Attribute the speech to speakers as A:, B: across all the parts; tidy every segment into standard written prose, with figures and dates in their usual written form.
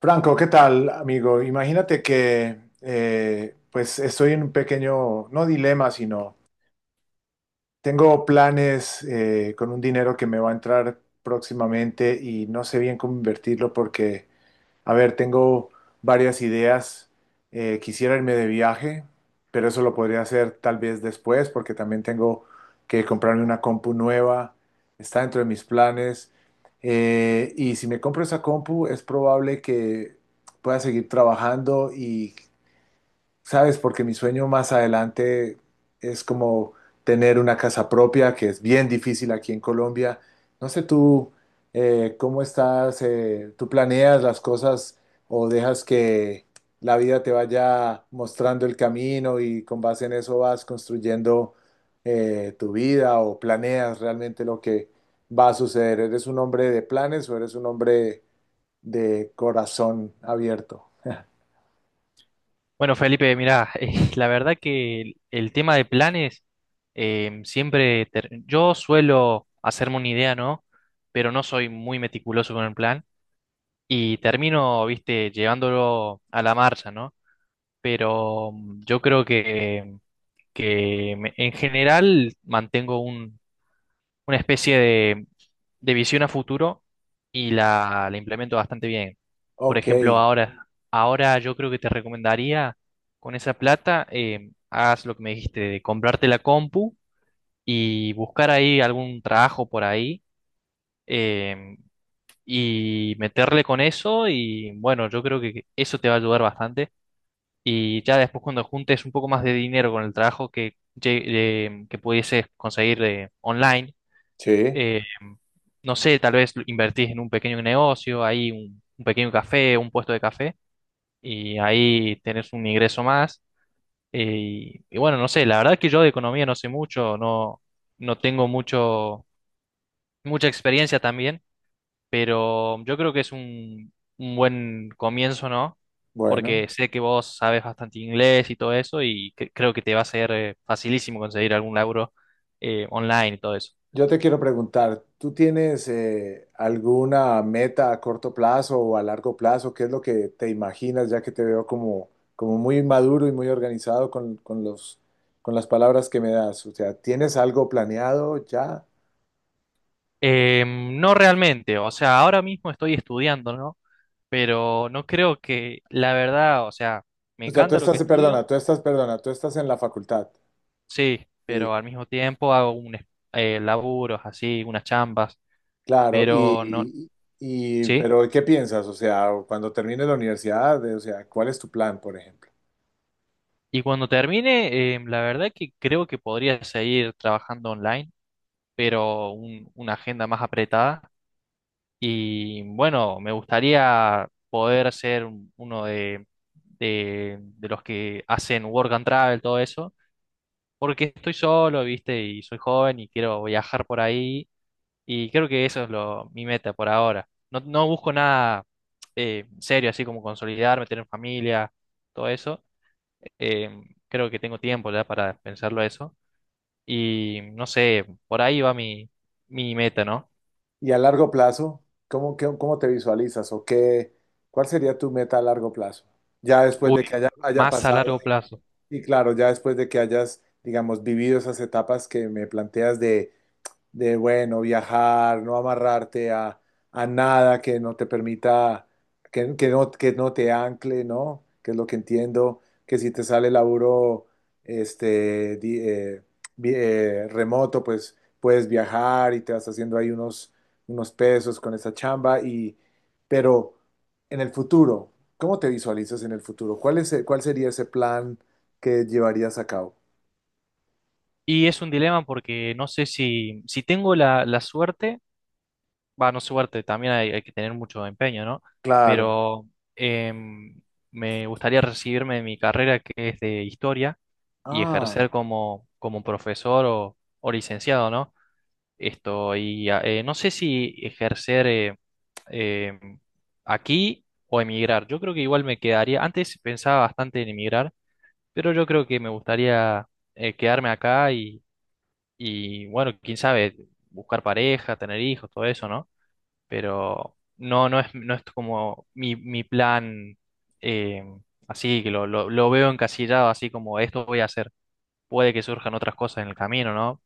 A: Franco, ¿qué tal, amigo? Imagínate que pues estoy en un pequeño, no dilema, sino tengo planes con un dinero que me va a entrar próximamente y no sé bien cómo invertirlo porque a ver, tengo varias ideas. Quisiera irme de viaje, pero eso lo podría hacer tal vez después, porque también tengo que comprarme una compu nueva. Está dentro de mis planes. Y si me compro esa compu, es probable que pueda seguir trabajando y ¿sabes? Porque mi sueño más adelante es como tener una casa propia, que es bien difícil aquí en Colombia. No sé tú cómo estás, tú planeas las cosas o dejas que la vida te vaya mostrando el camino y con base en eso vas construyendo tu vida o planeas realmente lo que va a suceder. ¿Eres un hombre de planes o eres un hombre de corazón abierto?
B: Bueno, Felipe, mirá, la verdad que el tema de planes siempre yo suelo hacerme una idea, ¿no? Pero no soy muy meticuloso con el plan y termino, viste, llevándolo a la marcha, ¿no? Pero yo creo en general mantengo una especie de visión a futuro y la implemento bastante bien. Por
A: Ok,
B: ejemplo, ahora yo creo que te recomendaría con esa plata, hagas lo que me dijiste, de comprarte la compu y buscar ahí algún trabajo por ahí eh, y meterle con eso y bueno, yo creo que eso te va a ayudar bastante. Y ya después cuando juntes un poco más de dinero con el trabajo que pudieses conseguir online,
A: sí,
B: eh, no sé, tal vez invertís en un pequeño negocio, ahí un pequeño café, un puesto de café, y ahí tenés un ingreso más. eh, y bueno, no sé, la verdad que yo de economía no sé mucho, no, no tengo mucho, mucha experiencia también, pero yo creo que es un buen comienzo, ¿no?
A: bueno.
B: Porque sé que vos sabes bastante inglés y todo eso, y creo que te va a ser facilísimo conseguir algún laburo online y todo eso.
A: Yo te quiero preguntar, ¿tú tienes alguna meta a corto plazo o a largo plazo? ¿Qué es lo que te imaginas, ya que te veo como, como muy maduro y muy organizado con los, con las palabras que me das? O sea, ¿tienes algo planeado ya?
B: No realmente, o sea, ahora mismo estoy estudiando, ¿no? Pero no creo que, la verdad, o sea, me
A: O sea, tú
B: encanta lo que
A: estás,
B: estudio,
A: perdona, tú estás, perdona, tú estás en la facultad.
B: sí,
A: Sí,
B: pero al mismo tiempo hago laburos así, unas chambas,
A: claro.
B: pero no, sí.
A: Pero ¿qué piensas? O sea, cuando termines la universidad, o sea, ¿cuál es tu plan, por ejemplo?
B: Y cuando termine, la verdad que creo que podría seguir trabajando online, pero una agenda más apretada. Y bueno, me gustaría poder ser uno de los que hacen work and travel, todo eso, porque estoy solo, ¿viste? Y soy joven y quiero viajar por ahí. Y creo que eso es lo, mi meta por ahora. No, no busco nada serio, así como consolidarme, tener familia, todo eso. Eh, creo que tengo tiempo ya para pensarlo eso. Y no sé, por ahí va mi meta, ¿no?
A: Y a largo plazo, ¿cómo, qué- cómo te visualizas o qué, cuál sería tu meta a largo plazo? Ya después
B: Uy,
A: de que haya
B: más a
A: pasado,
B: largo
A: diga-
B: plazo.
A: Y claro, ya después de que hayas, digamos, vivido esas etapas que me planteas de, bueno, viajar, no amarrarte a nada que no te permita, que no te ancle, ¿no? Que es lo que entiendo, que si te sale laburo este, remoto, pues puedes viajar y te vas haciendo ahí unos pesos con esa chamba, pero en el futuro, ¿cómo te visualizas en el futuro? Cuál sería ese plan que llevarías a cabo?
B: Y es un dilema porque no sé si tengo la suerte, va, no suerte, también hay que tener mucho empeño, ¿no?
A: Claro.
B: Pero em, me gustaría recibirme de mi carrera que es de historia y
A: Ah.
B: ejercer como, como profesor o licenciado, ¿no? Esto, y no sé si ejercer em, aquí o emigrar. Yo creo que igual me quedaría, antes pensaba bastante en emigrar, pero yo creo que me gustaría quedarme acá y bueno, quién sabe, buscar pareja, tener hijos, todo eso, ¿no? Pero no, no es, no es como mi plan, eh, así, lo veo encasillado, así como esto voy a hacer. Puede que surjan otras cosas en el camino, ¿no?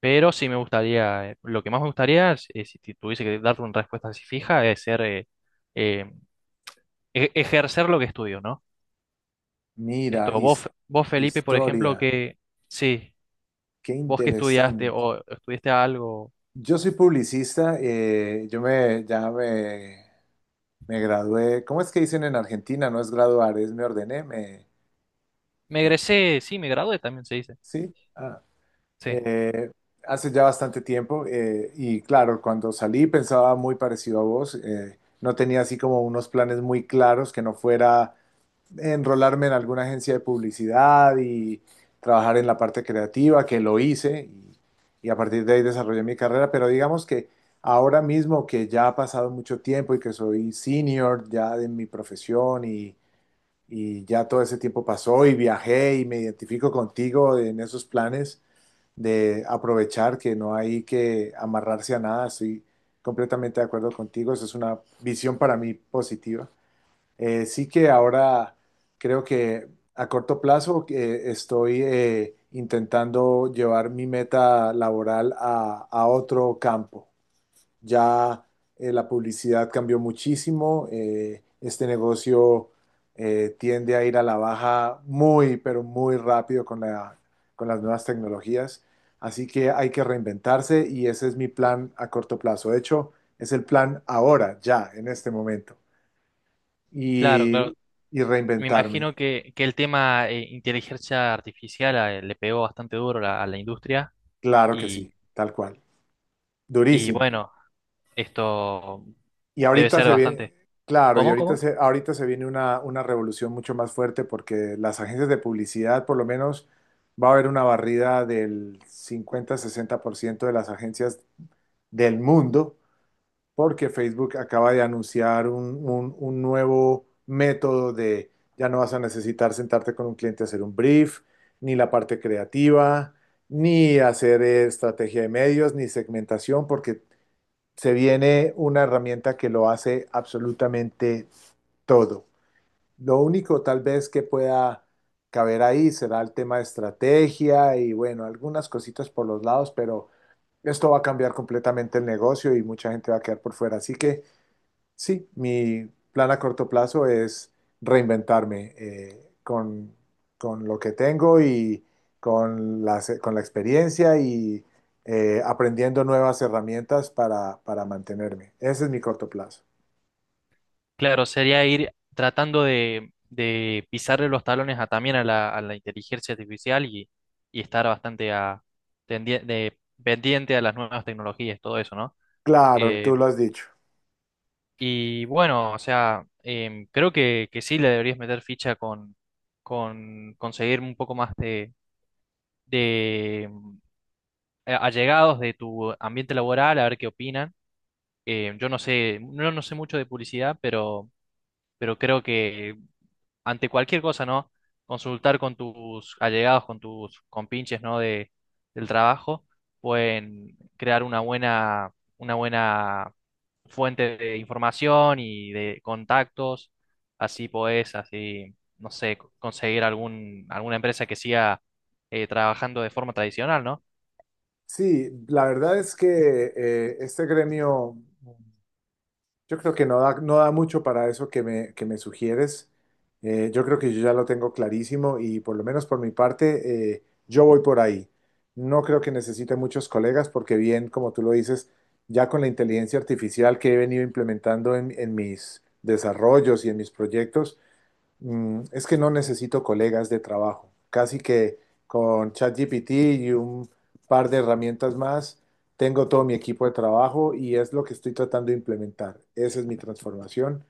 B: Pero sí me gustaría, lo que más me gustaría, es si tuviese que darte una respuesta así fija, es ser, eh, ejercer lo que estudio, ¿no?
A: Mira,
B: Esto, vos Felipe, por ejemplo,
A: historia,
B: que sí,
A: qué
B: vos que estudiaste
A: interesante.
B: o estudiaste algo.
A: Yo soy publicista. Yo me, ya Me gradué. ¿Cómo es que dicen en Argentina? No es graduar, es me ordené, me,
B: Me
A: eh,
B: egresé, sí, me gradué también se dice.
A: sí, ah,
B: Sí,
A: eh, hace ya bastante tiempo. Y claro, cuando salí pensaba muy parecido a vos. No tenía así como unos planes muy claros que no fuera enrolarme en alguna agencia de publicidad y trabajar en la parte creativa, que lo hice y a partir de ahí desarrollé mi carrera, pero digamos que ahora mismo que ya ha pasado mucho tiempo y que soy senior ya de mi profesión y ya todo ese tiempo pasó y viajé y me identifico contigo en esos planes de aprovechar que no hay que amarrarse a nada, estoy completamente de acuerdo contigo, esa es una visión para mí positiva. Sí que ahora creo que a corto plazo estoy intentando llevar mi meta laboral a otro campo. Ya, la publicidad cambió muchísimo, este negocio tiende a ir a la baja muy, pero muy rápido con las nuevas tecnologías, así que hay que reinventarse y ese es mi plan a corto plazo. De hecho, es el plan ahora, ya, en este momento
B: claro,
A: y,
B: claro.
A: y
B: Me
A: reinventarme.
B: imagino que el tema inteligencia artificial le pegó bastante duro a la industria
A: Claro que sí,
B: y,
A: tal cual.
B: y
A: Durísimo.
B: bueno, esto
A: Y
B: debe
A: ahorita
B: ser
A: se viene,
B: bastante.
A: claro, y
B: ¿Cómo?
A: ahorita
B: ¿Cómo?
A: se, ahorita se viene una revolución mucho más fuerte porque las agencias de publicidad, por lo menos, va a haber una barrida del 50-60% de las agencias del mundo porque Facebook acaba de anunciar un nuevo método de ya no vas a necesitar sentarte con un cliente a hacer un brief, ni la parte creativa, ni hacer estrategia de medios, ni segmentación, porque se viene una herramienta que lo hace absolutamente todo. Lo único tal vez que pueda caber ahí será el tema de estrategia y bueno, algunas cositas por los lados, pero esto va a cambiar completamente el negocio y mucha gente va a quedar por fuera. Así que... Sí, mi plan a corto plazo es reinventarme con lo que tengo y con la experiencia y aprendiendo nuevas herramientas para mantenerme. Ese es mi corto plazo.
B: Claro, sería ir tratando de pisarle los talones a, también a a la inteligencia artificial y estar bastante a, pendiente a las nuevas tecnologías, todo eso, ¿no?
A: Claro, tú
B: Eh,
A: lo has dicho.
B: y bueno, o sea, creo que sí le deberías meter ficha con conseguir un poco más de allegados de tu ambiente laboral, a ver qué opinan. Yo no sé, no, no sé mucho de publicidad, pero creo que ante cualquier cosa, ¿no? Consultar con tus allegados, con tus compinches, ¿no? De, del trabajo, pueden crear una buena fuente de información y de contactos. Así podés, así, no sé, conseguir algún, alguna empresa que siga trabajando de forma tradicional, ¿no?
A: Sí, la verdad es que este gremio, yo creo que no da, no da mucho para eso que me sugieres. Yo creo que yo ya lo tengo clarísimo y por lo menos por mi parte, yo voy por ahí. No creo que necesite muchos colegas porque bien, como tú lo dices, ya con la inteligencia artificial que he venido implementando en mis desarrollos y en mis proyectos, es que no necesito colegas de trabajo. Casi que con ChatGPT y un par de herramientas más, tengo todo mi equipo de trabajo y es lo que estoy tratando de implementar. Esa es mi transformación.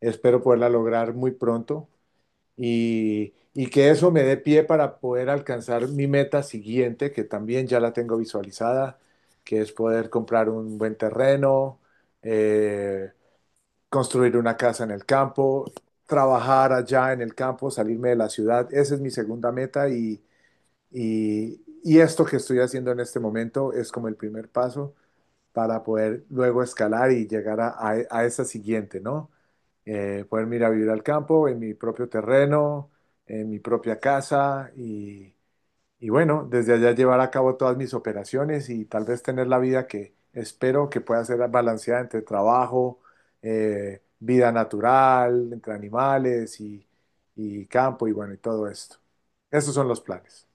A: Espero poderla lograr muy pronto y que eso me dé pie para poder alcanzar mi meta siguiente, que también ya la tengo visualizada, que es poder comprar un buen terreno, eh, construir una casa en el campo, trabajar allá en el campo, salirme de la ciudad. Esa es mi segunda meta y esto que estoy haciendo en este momento es como el primer paso para poder luego escalar y llegar a esa siguiente, ¿no? Poder ir a vivir al campo, en mi propio terreno, en mi propia casa y bueno, desde allá llevar a cabo todas mis operaciones y tal vez tener la vida que espero que pueda ser balanceada entre trabajo, vida natural, entre animales y campo y bueno, y todo esto. Esos son los planes.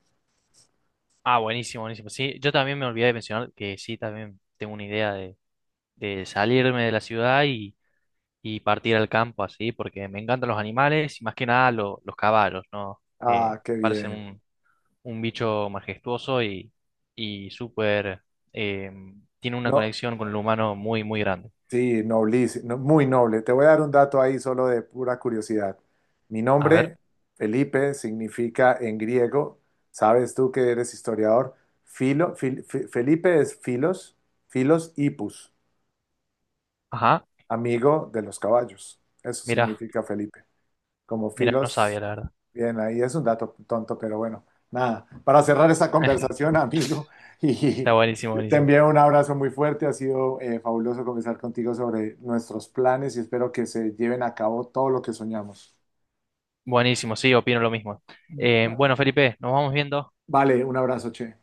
B: Ah, buenísimo, buenísimo. Sí, yo también me olvidé de mencionar que sí, también tengo una idea de salirme de la ciudad y partir al campo así, porque me encantan los animales y más que nada los caballos, ¿no?
A: Ah, qué
B: Me parecen
A: bien.
B: un bicho majestuoso y súper, eh, tiene una
A: No,
B: conexión con el humano muy, muy grande.
A: sí, noblísimo, no, muy noble. Te voy a dar un dato ahí solo de pura curiosidad. Mi
B: A ver,
A: nombre, Felipe, significa en griego, sabes tú que eres historiador, filo, Felipe es filos, filos hipus,
B: ajá,
A: amigo de los caballos. Eso
B: mira,
A: significa Felipe, como
B: mira, no
A: filos.
B: sabía la verdad.
A: Bien, ahí es un dato tonto, pero bueno, nada. Para cerrar esta conversación, amigo, y
B: Está buenísimo,
A: te
B: buenísimo.
A: envío un abrazo muy fuerte. Ha sido fabuloso conversar contigo sobre nuestros planes y espero que se lleven a cabo todo lo que soñamos.
B: Buenísimo, sí, opino lo mismo. Bueno, Felipe, nos vamos viendo.
A: Vale, un abrazo, che.